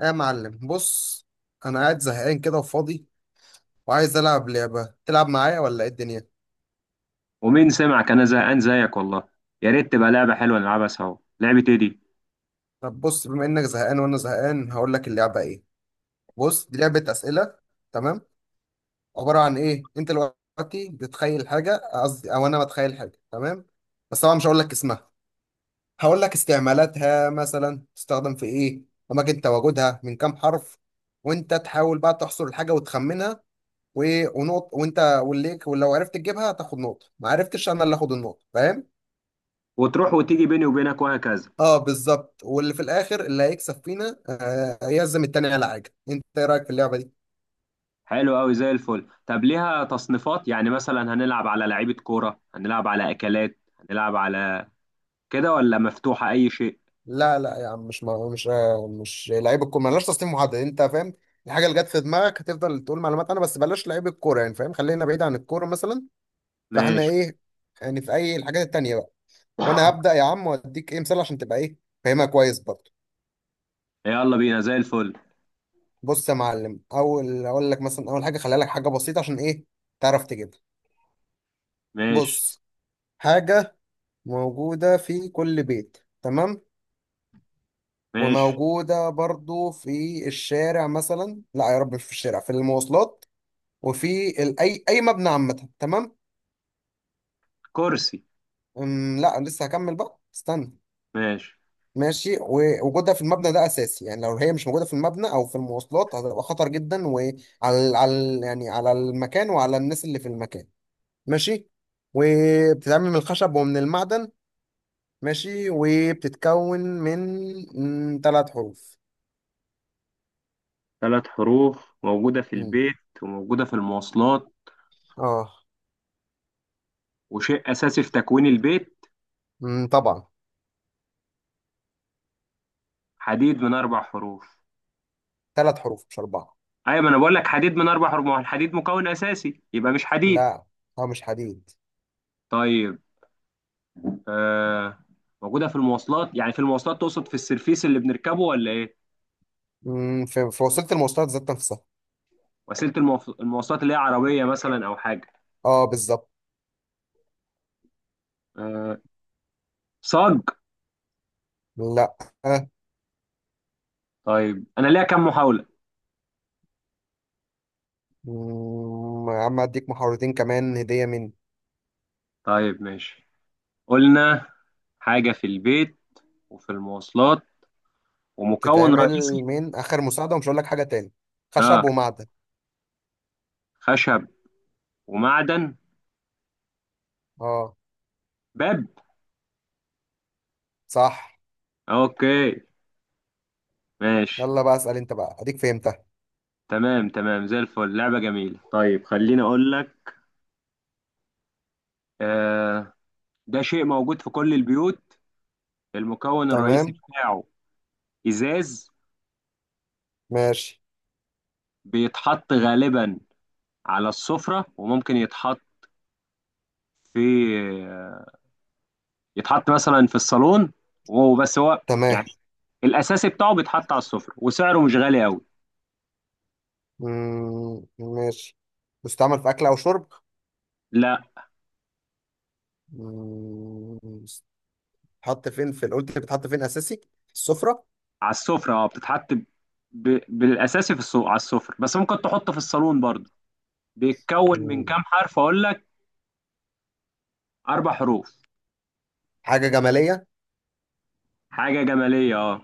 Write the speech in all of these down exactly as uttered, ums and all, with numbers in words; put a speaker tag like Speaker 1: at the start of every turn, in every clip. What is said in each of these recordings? Speaker 1: يا معلم بص. انا قاعد زهقان كده وفاضي، وعايز العب لعبه تلعب معايا ولا ايه الدنيا؟
Speaker 2: ومين سمعك؟ انا زهقان زيك والله. يا ريت تبقى لعبه حلوه نلعبها سوا، لعبه ايه دي؟
Speaker 1: طب بص، بما انك زهقان وانا زهقان هقول لك اللعبه ايه. بص، دي لعبه اسئله، تمام؟ عباره عن ايه؟ انت دلوقتي بتتخيل حاجه، قصدي او انا بتخيل حاجه، تمام. بس طبعا مش هقول لك اسمها، هقول لك استعمالاتها، مثلا تستخدم في ايه، اماكن تواجدها، من كام حرف، وانت تحاول بقى تحصر الحاجه وتخمنها. و- ونقط وانت والليك، ولو عرفت تجيبها تاخد نقطه، ما عرفتش انا اللي اخد النقطه. فاهم؟
Speaker 2: وتروح وتيجي بيني وبينك وهكذا.
Speaker 1: اه بالظبط. واللي في الاخر اللي هيكسب فينا آه، يعزم التاني على حاجه. انت ايه رايك في اللعبه دي؟
Speaker 2: حلو قوي زي الفل. طب ليها تصنيفات؟ يعني مثلا هنلعب على لعيبه كوره، هنلعب على اكلات، هنلعب على كده ولا مفتوحه اي شيء؟
Speaker 1: لا لا يا عم، مش ما مش آه، مش لعيب الكوره، مالناش تصنيف محدد، انت فاهم؟ الحاجه اللي جت في دماغك هتفضل تقول معلومات، انا بس بلاش لعيب الكوره يعني، فاهم؟ خلينا بعيد عن الكوره مثلا. فاحنا
Speaker 2: ماشي.
Speaker 1: ايه يعني في اي الحاجات التانيه بقى؟ وانا هبدا يا عم واديك ايه مثال عشان تبقى ايه فاهمها كويس برضه.
Speaker 2: يلا بينا زي الفل.
Speaker 1: بص يا معلم، اول اقول لك مثلا اول حاجه خليها لك حاجه بسيطه عشان ايه تعرف تجيبها.
Speaker 2: ماشي.
Speaker 1: بص، حاجه موجوده في كل بيت، تمام.
Speaker 2: ماشي.
Speaker 1: وموجودة برضو في الشارع، مثلا لا يا رب، مش في الشارع، في المواصلات، وفي ال... أي أي مبنى عامة، تمام.
Speaker 2: كرسي.
Speaker 1: أم لا لسه هكمل بقى، استنى.
Speaker 2: ماشي.
Speaker 1: ماشي. ووجودها في المبنى ده أساسي، يعني لو هي مش موجودة في المبنى أو في المواصلات هتبقى خطر جدا، وعلى على يعني على المكان وعلى الناس اللي في المكان. ماشي. وبتتعمل من الخشب ومن المعدن. ماشي، وبتتكون من تلات حروف.
Speaker 2: ثلاث حروف موجودة في
Speaker 1: مم.
Speaker 2: البيت، وموجودة في المواصلات،
Speaker 1: اه.
Speaker 2: وشيء أساسي في تكوين البيت.
Speaker 1: مم، طبعا.
Speaker 2: حديد من أربع حروف.
Speaker 1: تلات حروف مش اربعة.
Speaker 2: ايوه، ما انا بقول لك حديد من اربع رموح، الحديد مكون اساسي يبقى مش حديد.
Speaker 1: لا. اه مش حديد.
Speaker 2: طيب. آه. موجوده في المواصلات، يعني في المواصلات تقصد في السرفيس اللي بنركبه ولا ايه؟
Speaker 1: مم، في في وسيلة المواصلات ذات نفسها.
Speaker 2: وسيله المواف- المواصلات اللي هي عربيه مثلا او حاجه.
Speaker 1: اه بالظبط.
Speaker 2: آه. صاج.
Speaker 1: لا.
Speaker 2: طيب انا ليا كام محاوله؟
Speaker 1: مم، يا عم اديك محاورتين كمان هدية من
Speaker 2: طيب ماشي. قلنا حاجه في البيت وفي المواصلات ومكون
Speaker 1: بتتعمل
Speaker 2: رئيسي.
Speaker 1: من اخر مساعدة، ومش هقول لك حاجة تاني،
Speaker 2: اه.
Speaker 1: خشب ومعدن.
Speaker 2: خشب ومعدن.
Speaker 1: اه.
Speaker 2: باب.
Speaker 1: صح.
Speaker 2: اوكي. ماشي.
Speaker 1: يلا بقى اسأل انت بقى، اديك فهمتها.
Speaker 2: تمام تمام زي الفل، لعبه جميله. طيب خليني اقول لك. آه، ده شيء موجود في كل البيوت، المكون الرئيسي
Speaker 1: تمام.
Speaker 2: بتاعه ازاز.
Speaker 1: ماشي.
Speaker 2: بيتحط غالبا على السفرة، وممكن يتحط في يتحط مثلا في الصالون. وهو بس هو
Speaker 1: تمام.
Speaker 2: يعني الاساسي بتاعه بيتحط على السفرة، وسعره مش غالي قوي.
Speaker 1: مم، ماشي. بتستعمل في اكل او شرب؟
Speaker 2: لا.
Speaker 1: مم، بتتحط فين، في قلت بتتحط فين اساسي، السفرة.
Speaker 2: على السفرة اه. بتتحط ب... ب- بالاساسي في السوق على السفرة، بس ممكن تحطه في الصالون برضه. بيتكون من
Speaker 1: مم،
Speaker 2: كام حرف اقول لك؟ اربع حروف.
Speaker 1: حاجة جمالية.
Speaker 2: حاجة جمالية اه.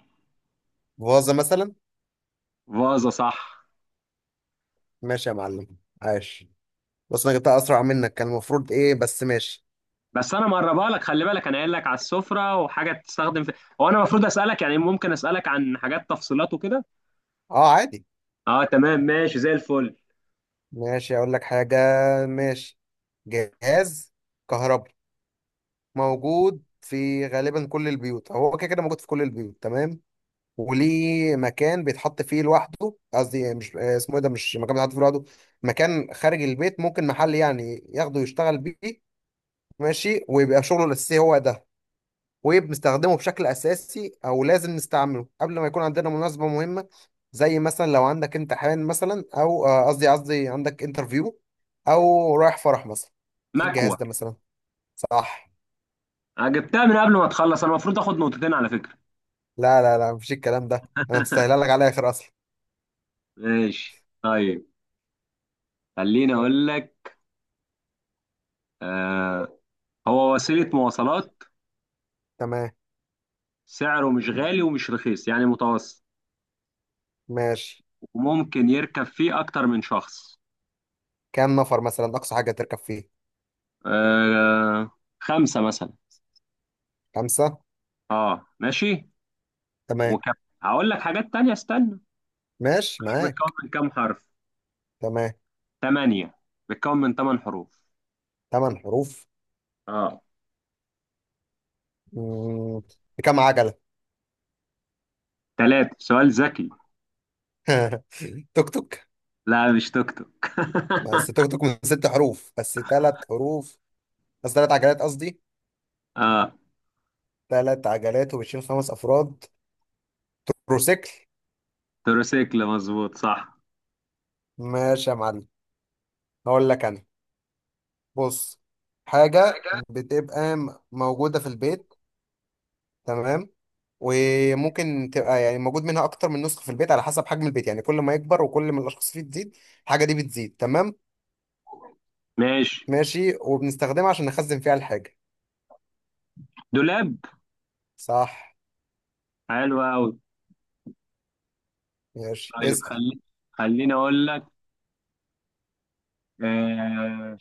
Speaker 1: فازة مثلا.
Speaker 2: فازة صح.
Speaker 1: ماشي يا معلم، عاش. بس انا جبتها اسرع منك، كان المفروض ايه، بس ماشي.
Speaker 2: بس انا مقربها لك، خلي بالك انا قايل لك على السفره وحاجه تستخدم في. هو انا المفروض اسالك، يعني ممكن اسالك عن حاجات تفصيلات وكده.
Speaker 1: اه عادي.
Speaker 2: اه تمام ماشي زي الفل.
Speaker 1: ماشي، اقول لك حاجة. ماشي. جهاز كهرباء موجود في غالبا كل البيوت، هو كده كده موجود في كل البيوت، تمام. وليه مكان بيتحط فيه لوحده، قصدي مش آه، اسمه ايه ده، مش مكان بيتحط فيه لوحده، مكان خارج البيت ممكن محل يعني ياخده يشتغل بيه. ماشي، ويبقى شغله الاساسي هو ده. وبنستخدمه بشكل أساسي أو لازم نستعمله قبل ما يكون عندنا مناسبة مهمة، زي مثلا لو عندك امتحان مثلا، أو آه، قصدي قصدي عندك انترفيو، أو رايح فرح مثلا. إيه الجهاز
Speaker 2: مكوه.
Speaker 1: ده مثلا؟ صح.
Speaker 2: انا جبتها من قبل ما تخلص، انا المفروض اخد نقطتين على فكره.
Speaker 1: لا لا لا، مفيش الكلام ده، أنا مستاهلها لك على الآخر أصلا.
Speaker 2: ماشي طيب. خليني اقول لك. آه. هو وسيله مواصلات.
Speaker 1: تمام.
Speaker 2: سعره مش غالي ومش رخيص يعني متوسط.
Speaker 1: ماشي.
Speaker 2: وممكن يركب فيه اكتر من شخص.
Speaker 1: كام نفر مثلا أقصى حاجة تركب فيه؟
Speaker 2: آه. خمسه مثلا.
Speaker 1: خمسة.
Speaker 2: اه ماشي.
Speaker 1: تمام.
Speaker 2: وكم، هقول لك حاجات تانية استنى.
Speaker 1: ماشي
Speaker 2: بتكون
Speaker 1: معاك.
Speaker 2: من كام حرف؟
Speaker 1: تمام.
Speaker 2: ثمانية. بيتكون من ثمان حروف
Speaker 1: تمن حروف.
Speaker 2: اه.
Speaker 1: مم. بكام عجلة؟
Speaker 2: ثلاثة. سؤال ذكي.
Speaker 1: توك توك.
Speaker 2: لا مش توك توك.
Speaker 1: بس توك توك من ست حروف، بس تلات حروف، بس تلات عجلات قصدي.
Speaker 2: اه.
Speaker 1: تلات عجلات وبتشيل خمس افراد. بروسيكل.
Speaker 2: تروسيكل مظبوط صح.
Speaker 1: ماشي يا معلم. هقول لك انا. بص. حاجه بتبقى م- موجوده في البيت، تمام. وممكن تبقى يعني موجود منها اكتر من نسخه في البيت على حسب حجم البيت، يعني كل ما يكبر وكل ما الاشخاص فيه تزيد الحاجه دي بتزيد، تمام.
Speaker 2: ماشي.
Speaker 1: ماشي. وبنستخدمها عشان نخزن فيها الحاجه.
Speaker 2: دولاب.
Speaker 1: صح.
Speaker 2: حلو قوي.
Speaker 1: ماشي،
Speaker 2: طيب
Speaker 1: اسال.
Speaker 2: خلي خليني اقول لك. آه...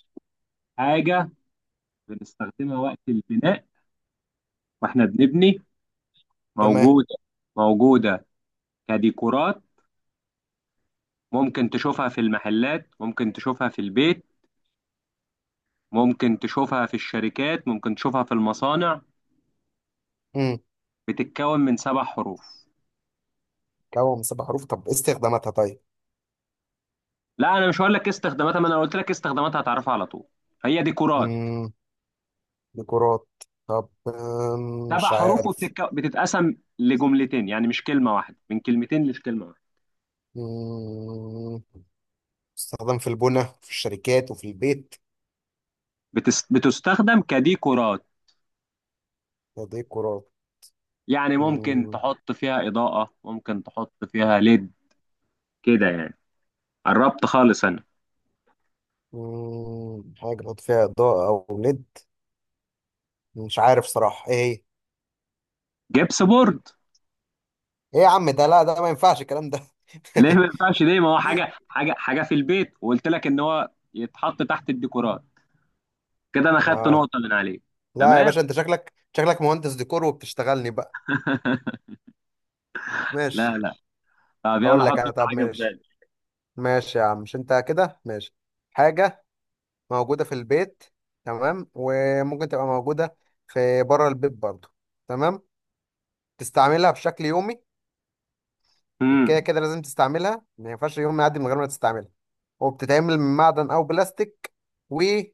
Speaker 2: حاجة بنستخدمها وقت البناء، واحنا بنبني.
Speaker 1: تمام.
Speaker 2: موجودة. موجودة كديكورات، ممكن تشوفها في المحلات، ممكن تشوفها في البيت، ممكن تشوفها في الشركات، ممكن تشوفها في المصانع.
Speaker 1: امم
Speaker 2: بتتكون من سبع حروف.
Speaker 1: كوم سبع حروف، طب إيه استخداماتها طيب؟
Speaker 2: لا انا مش هقول لك إيه استخداماتها، ما انا قلت لك إيه استخداماتها هتعرفها على طول. هي ديكورات.
Speaker 1: امم ديكورات. طب آم،
Speaker 2: سبع
Speaker 1: مش
Speaker 2: حروف
Speaker 1: عارف.
Speaker 2: وبتتك... بتتقسم لجملتين، يعني مش كلمه واحده، من كلمتين مش كلمه واحده.
Speaker 1: مم. استخدام في البنى في الشركات وفي البيت.
Speaker 2: بتس... بتستخدم كديكورات،
Speaker 1: تضييق القرار.
Speaker 2: يعني ممكن
Speaker 1: مم.
Speaker 2: تحط فيها اضاءه، ممكن تحط فيها ليد. كده يعني. قربت خالص انا.
Speaker 1: مم. حاجة بحط فيها إضاءة أو ليد. مش عارف صراحة إيه.
Speaker 2: جبس بورد.
Speaker 1: هي إيه يا عم ده، لا ده ما ينفعش الكلام ده.
Speaker 2: ليه ما ينفعش؟ ليه؟ ما هو حاجه حاجه حاجه في البيت، وقلت لك ان هو يتحط تحت الديكورات. كده انا خدت
Speaker 1: آه.
Speaker 2: نقطه من عليه.
Speaker 1: لا يا
Speaker 2: تمام.
Speaker 1: باشا، أنت شكلك شكلك مهندس ديكور وبتشتغلني بقى.
Speaker 2: لا
Speaker 1: ماشي.
Speaker 2: لا. طب يلا
Speaker 1: هقول
Speaker 2: حط
Speaker 1: لك أنا،
Speaker 2: انت
Speaker 1: طب
Speaker 2: حاجه في
Speaker 1: ماشي.
Speaker 2: بالك.
Speaker 1: ماشي يا عم، مش أنت كده ماشي. حاجة موجودة في البيت، تمام. وممكن تبقى موجودة في بره البيت برضه، تمام. تستعملها بشكل يومي، كده
Speaker 2: امم.
Speaker 1: كده لازم تستعملها، ما ينفعش يوم ما يعدي من غير ما تستعملها. وبتتعمل من معدن او بلاستيك، وبتبقى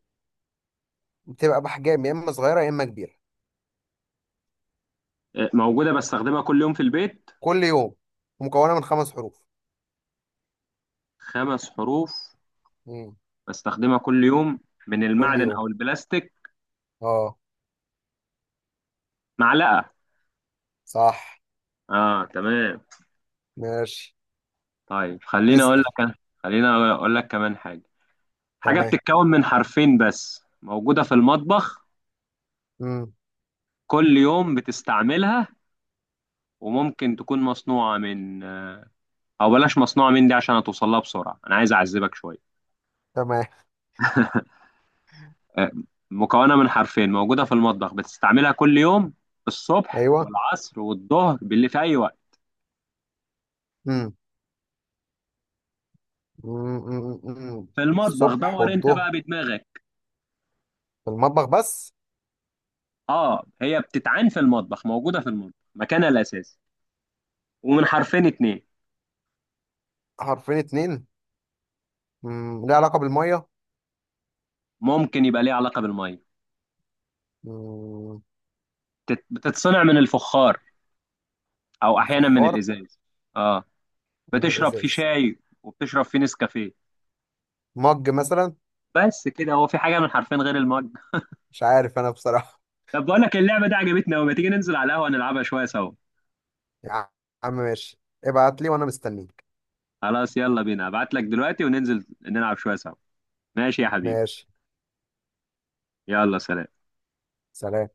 Speaker 1: باحجام يا اما صغيره يا اما كبيره.
Speaker 2: موجودة بستخدمها كل يوم في البيت.
Speaker 1: كل يوم. ومكونه من خمس حروف.
Speaker 2: خمس حروف.
Speaker 1: مم.
Speaker 2: بستخدمها كل يوم، من
Speaker 1: كل
Speaker 2: المعدن
Speaker 1: يوم.
Speaker 2: أو البلاستيك.
Speaker 1: اه.
Speaker 2: معلقة.
Speaker 1: صح.
Speaker 2: آه تمام.
Speaker 1: ماشي.
Speaker 2: طيب خليني أقول
Speaker 1: اسال.
Speaker 2: لك أنا. خليني أقول لك كمان حاجة. حاجة
Speaker 1: تمام.
Speaker 2: بتتكون من حرفين بس موجودة في المطبخ.
Speaker 1: مم.
Speaker 2: كل يوم بتستعملها. وممكن تكون مصنوعة من أو بلاش مصنوعة من دي عشان هتوصلها بسرعة، أنا عايز أعذبك شوية.
Speaker 1: تمام.
Speaker 2: آه، مكونة من حرفين، موجودة في المطبخ، بتستعملها كل يوم، الصبح
Speaker 1: ايوه.
Speaker 2: والعصر والظهر باللي في أي وقت.
Speaker 1: مم. مم. مم. مم.
Speaker 2: في المطبخ
Speaker 1: الصبح
Speaker 2: دور انت
Speaker 1: والظهر.
Speaker 2: بقى بدماغك.
Speaker 1: في المطبخ بس.
Speaker 2: اه هي بتتعان في المطبخ، موجوده في المطبخ، مكانها الاساسي، ومن حرفين اتنين.
Speaker 1: حرفين اتنين. مم. ليه علاقه بالميه؟
Speaker 2: ممكن يبقى ليه علاقه بالميه.
Speaker 1: مم.
Speaker 2: بتت- بتتصنع من الفخار او احيانا من
Speaker 1: الفخار.
Speaker 2: الازاز. اه
Speaker 1: من
Speaker 2: بتشرب فيه
Speaker 1: الازاز.
Speaker 2: شاي وبتشرب فيه نسكافيه.
Speaker 1: مج مثلا.
Speaker 2: بس كده. هو في حاجه من حرفين غير المج؟
Speaker 1: مش عارف انا بصراحة.
Speaker 2: طب بقول لك اللعبه دي عجبتني قوي، ما تيجي ننزل على القهوه نلعبها شويه سوا.
Speaker 1: يا عم ماشي، ابعت لي وانا مستنيك.
Speaker 2: خلاص يلا بينا، ابعت لك دلوقتي وننزل نلعب شويه سوا. ماشي يا حبيبي.
Speaker 1: ماشي.
Speaker 2: يلا سلام.
Speaker 1: سلام.